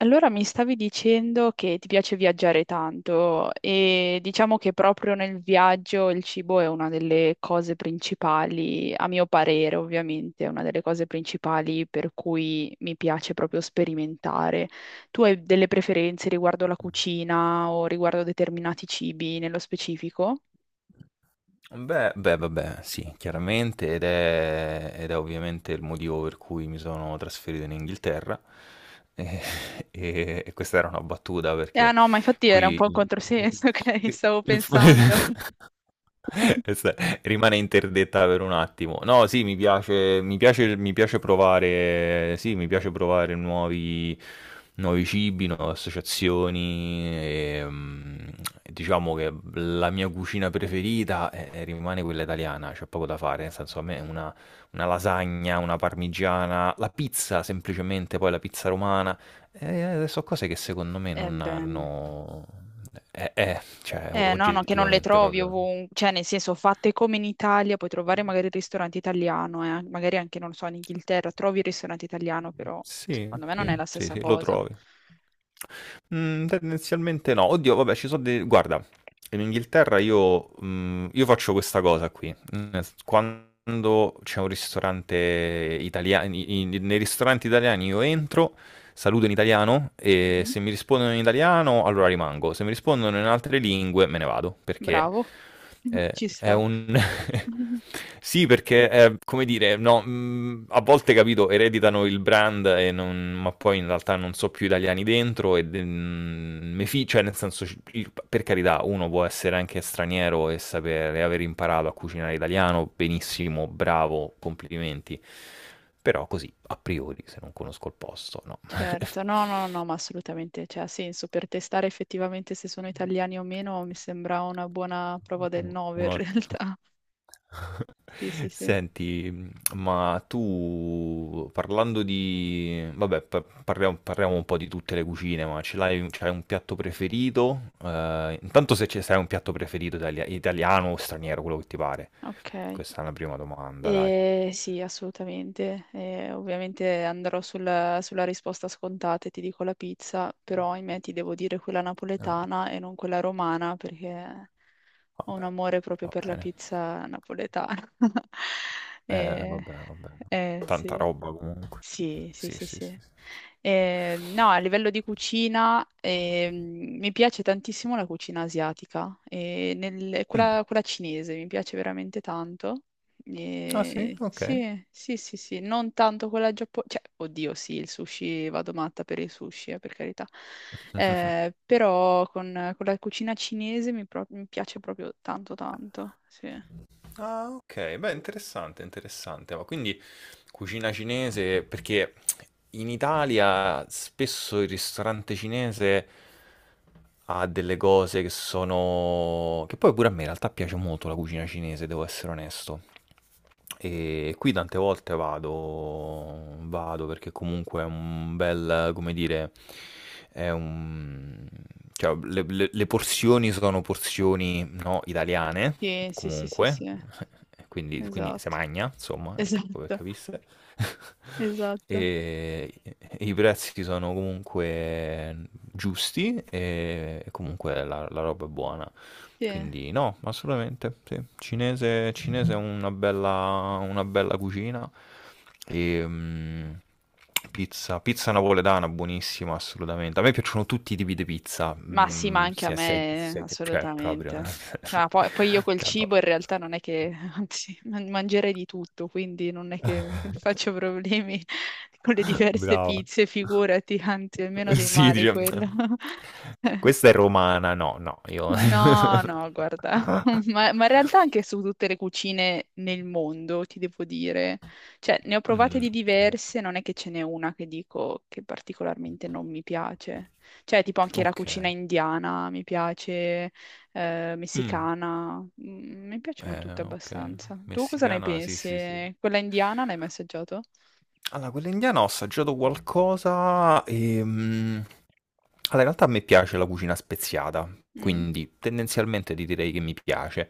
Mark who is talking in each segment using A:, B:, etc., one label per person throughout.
A: Allora mi stavi dicendo che ti piace viaggiare tanto e diciamo che proprio nel viaggio il cibo è una delle cose principali, a mio parere ovviamente, è una delle cose principali per cui mi piace proprio sperimentare. Tu hai delle preferenze riguardo la cucina o riguardo determinati cibi nello specifico?
B: Beh, beh, vabbè, sì, chiaramente ed è ovviamente il motivo per cui mi sono trasferito in Inghilterra. E, e questa era una battuta
A: Ah
B: perché
A: no, ma infatti era un
B: qui
A: po' un
B: il,
A: controsenso, ok?
B: il-
A: Stavo
B: il-
A: pensando.
B: questa rimane interdetta per un attimo. No, sì, mi piace, mi piace, mi piace provare, sì, mi piace provare nuovi cibi, nuove associazioni. Diciamo che la mia cucina preferita rimane quella italiana, c'è poco da fare. Nel senso, a me una lasagna, una parmigiana, la pizza semplicemente, poi la pizza romana. Sono cose che secondo me
A: Eh
B: non
A: beh.
B: hanno... cioè,
A: No, no, che non le
B: oggettivamente
A: trovi
B: proprio.
A: ovunque, cioè nel senso fatte come in Italia, puoi trovare magari il ristorante italiano, magari anche, non lo so, in Inghilterra trovi il ristorante italiano, però
B: Sì,
A: secondo me non
B: sì,
A: è la
B: sì,
A: stessa
B: sì, lo
A: cosa.
B: trovi. Mhmm, tendenzialmente no. Oddio, vabbè, ci so' de guarda, in Inghilterra io io faccio questa cosa qui, nel s quando c'è un ristorante italia i i nei ristoranti italiani io entro, saluto in italiano, e
A: Mhm.
B: se mi rispondono in italiano allora rimango, se mi rispondono in altre lingue me ne vado, perché,
A: Bravo,
B: ehm,
A: ci
B: è
A: sta.
B: un sì, perché, come dire, no, a volte, capito, ereditano il brand e non, ma poi in realtà non so più italiani dentro e de mhmm, me fi cioè nel senso c il per carità, uno può essere anche straniero e sapere aver imparato a cucinare italiano, benissimo, bravo, complimenti. Però così, a priori, se non conosco il posto, no.
A: Certo, no, no, no, ma assolutamente, cioè, ha senso per testare effettivamente se sono italiani o meno, mi sembra una buona prova del
B: U
A: nove in
B: uno ottimo.
A: realtà. Sì, sì, sì.
B: Senti, ma tu parlando di vabbè pa parliamo un po' di tutte le cucine, ma ce l'hai c'hai un piatto preferito? Intanto se ce se hai un piatto preferito italiano o straniero, quello che ti pare.
A: Ok.
B: Questa è una prima domanda, dai.
A: Sì, assolutamente. Ovviamente andrò sulla risposta scontata e ti dico la pizza, però ahimè ti devo dire quella
B: No.
A: napoletana e non quella romana perché ho un
B: Vabbè,
A: amore proprio
B: va
A: per la
B: bene.
A: pizza napoletana. Eh,
B: Vabbè, vabbè. Tanta
A: sì.
B: roba comunque.
A: Sì, sì,
B: Sì,
A: sì,
B: sì, sì,
A: sì.
B: sì.
A: No, a livello di cucina, mi piace tantissimo la cucina asiatica, e
B: Mh.
A: quella, quella cinese mi piace veramente tanto.
B: Ah sì? Okay.
A: Sì, sì, sì, sì, non tanto quella giapponese, cioè, oddio, sì, il sushi, vado matta per il sushi, per carità. Però con la cucina cinese mi piace proprio tanto, tanto. Sì,
B: Ah, ok, beh, interessante, interessante. Ma quindi cucina cinese, perché in Italia spesso il ristorante cinese ha delle cose che sono... Che poi pure a me in realtà piace molto la cucina cinese, devo essere onesto. E qui tante volte vado perché comunque è un bel come dire, è un cioè le porzioni sono porzioni, no, italiane
A: sì, sì, sì, sì,
B: comunque,
A: sì,
B: e quindi se
A: esatto,
B: magna insomma, ecco pe'
A: esatto,
B: capisse.
A: esatto,
B: E i prezzi sono comunque giusti e comunque la roba è buona.
A: sì.
B: Quindi no, assolutamente, sì. Cinese, cinese è una bella cucina. E, mm, pizza, pizza napoletana, buonissima, assolutamente. A me piacciono tutti i tipi di pizza,
A: Ma sì, ma
B: mm,
A: anche a me,
B: sia che, cioè, proprio.
A: assolutamente. Ah, poi, poi io col cibo
B: Vabbè.
A: in realtà non è che, anzi, mangerei di tutto, quindi non è che faccio problemi con le diverse
B: Brava.
A: pizze, figurati, anzi, è meno dei
B: Sì,
A: mali
B: dice,
A: quello.
B: questa è romana, no, no, io...
A: No, no, guarda, ma in realtà anche su tutte le cucine nel mondo, ti devo dire. Cioè, ne ho provate
B: Mm,
A: di
B: ok.
A: diverse, non è che ce n'è una che dico che particolarmente non mi piace. Cioè, tipo anche la
B: Ok.
A: cucina indiana mi piace,
B: Mm.
A: messicana, mm, mi piacciono tutte
B: Okay.
A: abbastanza. Tu cosa ne
B: Messicana, sì, sì, sì.
A: pensi? Quella indiana l'hai mai assaggiato?
B: Allora, quella indiana ho assaggiato qualcosa allora, in realtà a me piace la cucina speziata,
A: Mm.
B: quindi tendenzialmente ti direi che mi piace.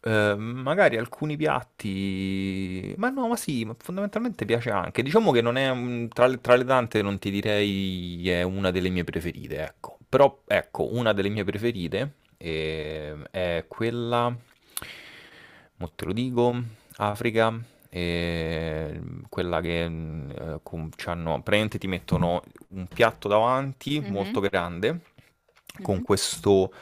B: Magari alcuni piatti... Ma no, ma sì, ma fondamentalmente piace anche. Diciamo che non è... un- tra tra le tante non ti direi è una delle mie preferite, ecco. Però, ecco, una delle mie preferite è quella... Mo te lo dico, Africa quella che c'hanno- praticamente ti mettono un piatto davanti
A: Mhm,
B: molto grande
A: mhm.
B: con questo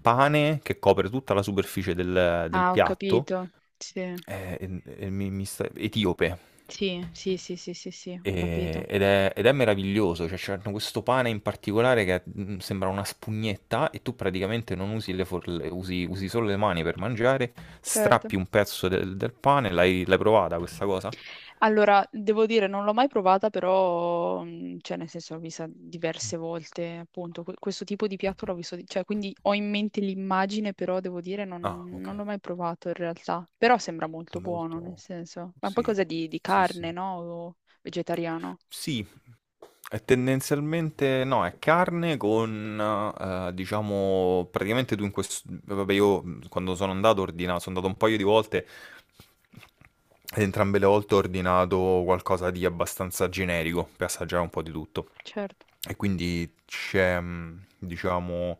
B: pane che copre tutta la superficie del
A: Ah, ho
B: piatto
A: capito. Sì,
B: etiope.
A: sì, sì, sì, sì, sì, sì, ho capito.
B: Ed è meraviglioso, cioè c'hanno questo pane in particolare che sembra una spugnetta e tu praticamente non usi le forle, usi solo le mani per mangiare,
A: Certo.
B: strappi un pezzo del pane, l'hai provata questa cosa?
A: Allora, devo dire, non l'ho mai provata, però, cioè, nel senso, l'ho vista diverse volte, appunto, questo tipo di piatto l'ho visto, cioè, quindi ho in mente l'immagine, però, devo dire,
B: Ah,
A: non
B: okay.
A: l'ho mai provato in realtà, però sembra molto buono, nel
B: Molto
A: senso, ma poi
B: sì,
A: cosa di
B: sì,
A: carne,
B: sì.
A: no? O vegetariano?
B: Sì, è tendenzialmente no, è carne con, diciamo, praticamente tu in questo... Vabbè, io quando sono andato ordinato, sono andato un paio di volte ed entrambe le volte ho ordinato qualcosa di abbastanza generico per assaggiare un po' di tutto.
A: Certo.
B: E quindi c'è, diciamo,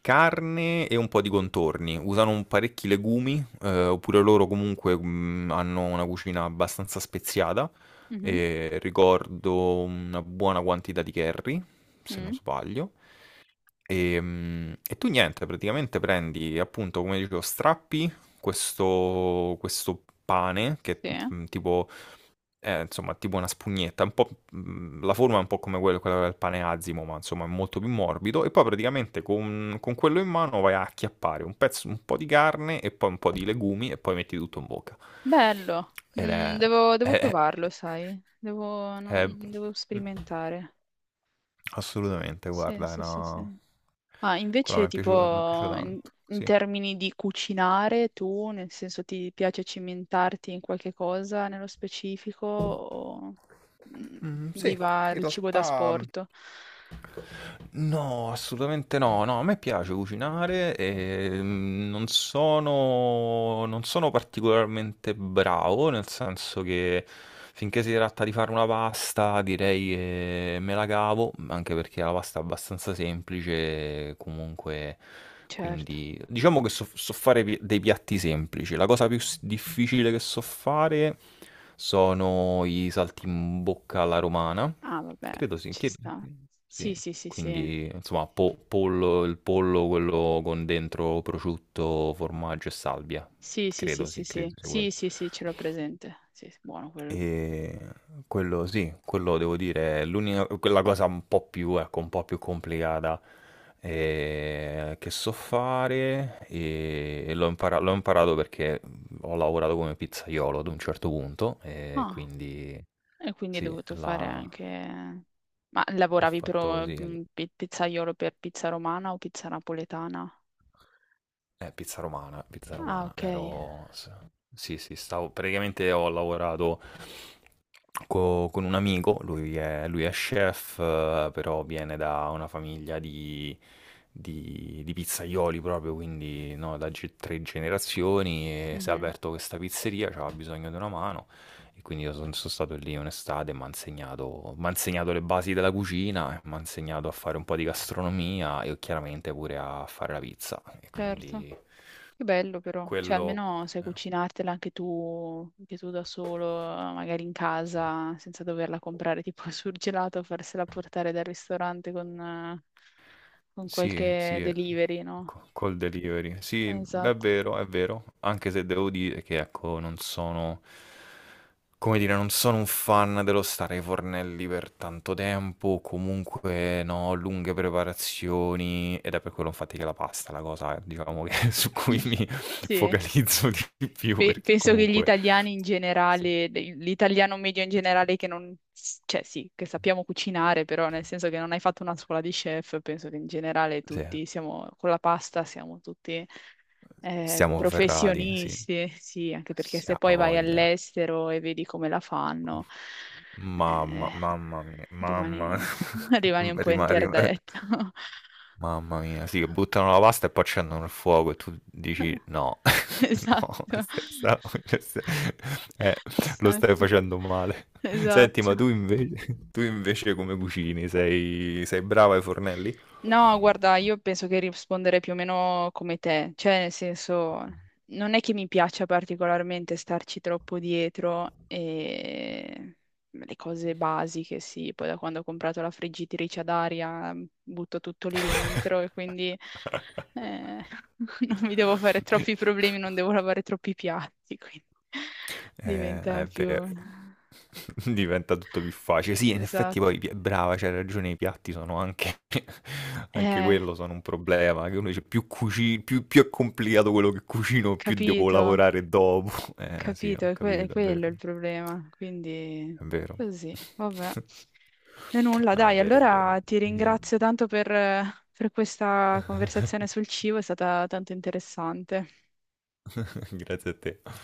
B: carne e un po' di contorni. Usano parecchi legumi, oppure loro comunque hanno una cucina abbastanza speziata.
A: Mhm.
B: E ricordo una buona quantità di curry, se non
A: Mm.
B: sbaglio. E tu niente, praticamente prendi appunto, come dicevo, strappi questo pane che
A: Sì.
B: mm, tipo, è, insomma, tipo una spugnetta, un po', mm, la forma è un po' come quella del pane azimo, ma insomma è molto più morbido. E poi praticamente con quello in mano vai a acchiappare un pezzo, un po' di carne e poi un po' di legumi e poi metti tutto in bocca.
A: Bello.
B: Ed
A: Mm, devo, devo
B: è-
A: provarlo, sai, devo, non-
B: eh,
A: devo
B: mh,
A: sperimentare.
B: assolutamente,
A: Sì,
B: guarda, è
A: sì, sì,
B: una...
A: sì. Ma
B: Quella
A: invece
B: mi è piaciuta
A: tipo
B: tanto,
A: in
B: sì.
A: termini di cucinare tu, nel senso ti piace cimentarti in qualche cosa nello specifico o mm,
B: Mm, sì,
A: viva
B: in
A: il cibo da
B: realtà...
A: sport?
B: No, assolutamente no. No, a me piace cucinare e mm, non sono, non sono particolarmente bravo, nel senso che finché si tratta di fare una pasta, direi che me la cavo, anche perché la pasta è abbastanza semplice, comunque,
A: Certo.
B: quindi diciamo che so, so fare dei piatti semplici. La cosa più difficile che so fare sono i salti in bocca alla romana.
A: Ah, vabbè,
B: Credo sì,
A: ci
B: chiedi.
A: sta.
B: Sì,
A: Sì, sì, sì, sì.
B: quindi, insomma, po pollo il pollo quello con dentro prosciutto, formaggio e salvia.
A: Sì, sì, sì,
B: Credo,
A: sì,
B: sì, credo
A: sì.
B: sia
A: Sì,
B: quello.
A: sì, sì, ce l'ho presente. Sì, sì, buono quello.
B: Quello sì, quello devo dire è l'unica quella cosa un po' più ecco, un po' più complicata, che so fare, e l'ho imparato perché, ho lavorato come pizzaiolo ad un certo punto,
A: Ah,
B: quindi
A: e quindi hai
B: sì,
A: dovuto fare
B: la
A: anche... Ma
B: ho
A: lavoravi
B: fatto
A: per
B: sì l.
A: mm, pizzaiolo per pizza romana o pizza napoletana?
B: Pizza
A: Ah,
B: romana,
A: ok.
B: ero... Sì, sì, stavo... Praticamente ho lavorato con un amico, lui è chef, però viene da una famiglia di, di pizzaioli proprio, quindi no, da tre generazioni e si è
A: Mhm,
B: aperto questa pizzeria, c'aveva bisogno di una mano e quindi sono stato lì un'estate, mi ha insegnato, m'ha insegnato le basi della cucina, mi ha insegnato a fare un po' di gastronomia e chiaramente pure a fare la pizza. E
A: certo,
B: quindi
A: che bello però, cioè
B: quello...
A: almeno sai
B: eh.
A: cucinartela anche tu da solo, magari in
B: Sì.
A: casa, senza doverla comprare tipo al surgelato, farsela portare dal ristorante con
B: Sì,
A: qualche
B: sì,
A: delivery, no?
B: co col delivery. Sì,
A: Esatto.
B: è vero, anche se devo dire che, ecco, non sono come dire, non sono un fan dello stare ai fornelli per tanto tempo, comunque, no, lunghe preparazioni, ed è per quello infatti che la pasta è la cosa, diciamo, che su cui mi
A: Sì,
B: focalizzo di più perché
A: Penso che gli
B: comunque
A: italiani in
B: sì.
A: generale, l'italiano medio in generale che non, cioè sì, che sappiamo cucinare, però nel senso che non hai fatto una scuola di chef, penso che in generale
B: Sì,
A: tutti siamo, con la pasta siamo tutti
B: siamo ferrati, sì,
A: professionisti, sì, anche perché
B: se
A: se
B: ha
A: poi vai
B: voglia.
A: all'estero e vedi come la fanno, eh,
B: Mamma mia, mamma
A: rimani, rimani un po'
B: rima rim
A: interdetto.
B: mamma mia, sì, buttano la pasta e poi accendono il fuoco e tu dici: "No, no,
A: Esatto,
B: se sa se eh, lo stai
A: esatto,
B: facendo male". Senti,
A: esatto.
B: ma tu invece tu invece come cucini? Sei brava ai fornelli?
A: No, guarda, io penso che risponderei più o meno come te, cioè nel senso, non è che mi piaccia particolarmente starci troppo dietro e le cose basiche, sì, poi da quando ho comprato la friggitrice ad aria butto tutto lì dentro e quindi eh, non mi devo fare troppi problemi, non devo lavare troppi piatti, quindi diventa
B: È
A: più...
B: vero. Diventa tutto più facile. Sì, in effetti
A: Esatto.
B: poi brava, c'hai ragione, i piatti sono anche anche
A: Eh,
B: quello sono un problema, che uno dice più cuci più è complicato quello che cucino, più devo
A: capito.
B: lavorare dopo. Eh sì,
A: Capito,
B: ho
A: è, è
B: capito, è
A: quello
B: vero,
A: il problema, quindi
B: è vero.
A: così, vabbè. E nulla,
B: No, è
A: dai,
B: vero, è vero.
A: allora ti
B: Eh,
A: ringrazio tanto per questa conversazione sul cibo, è stata tanto interessante.
B: grazie a te.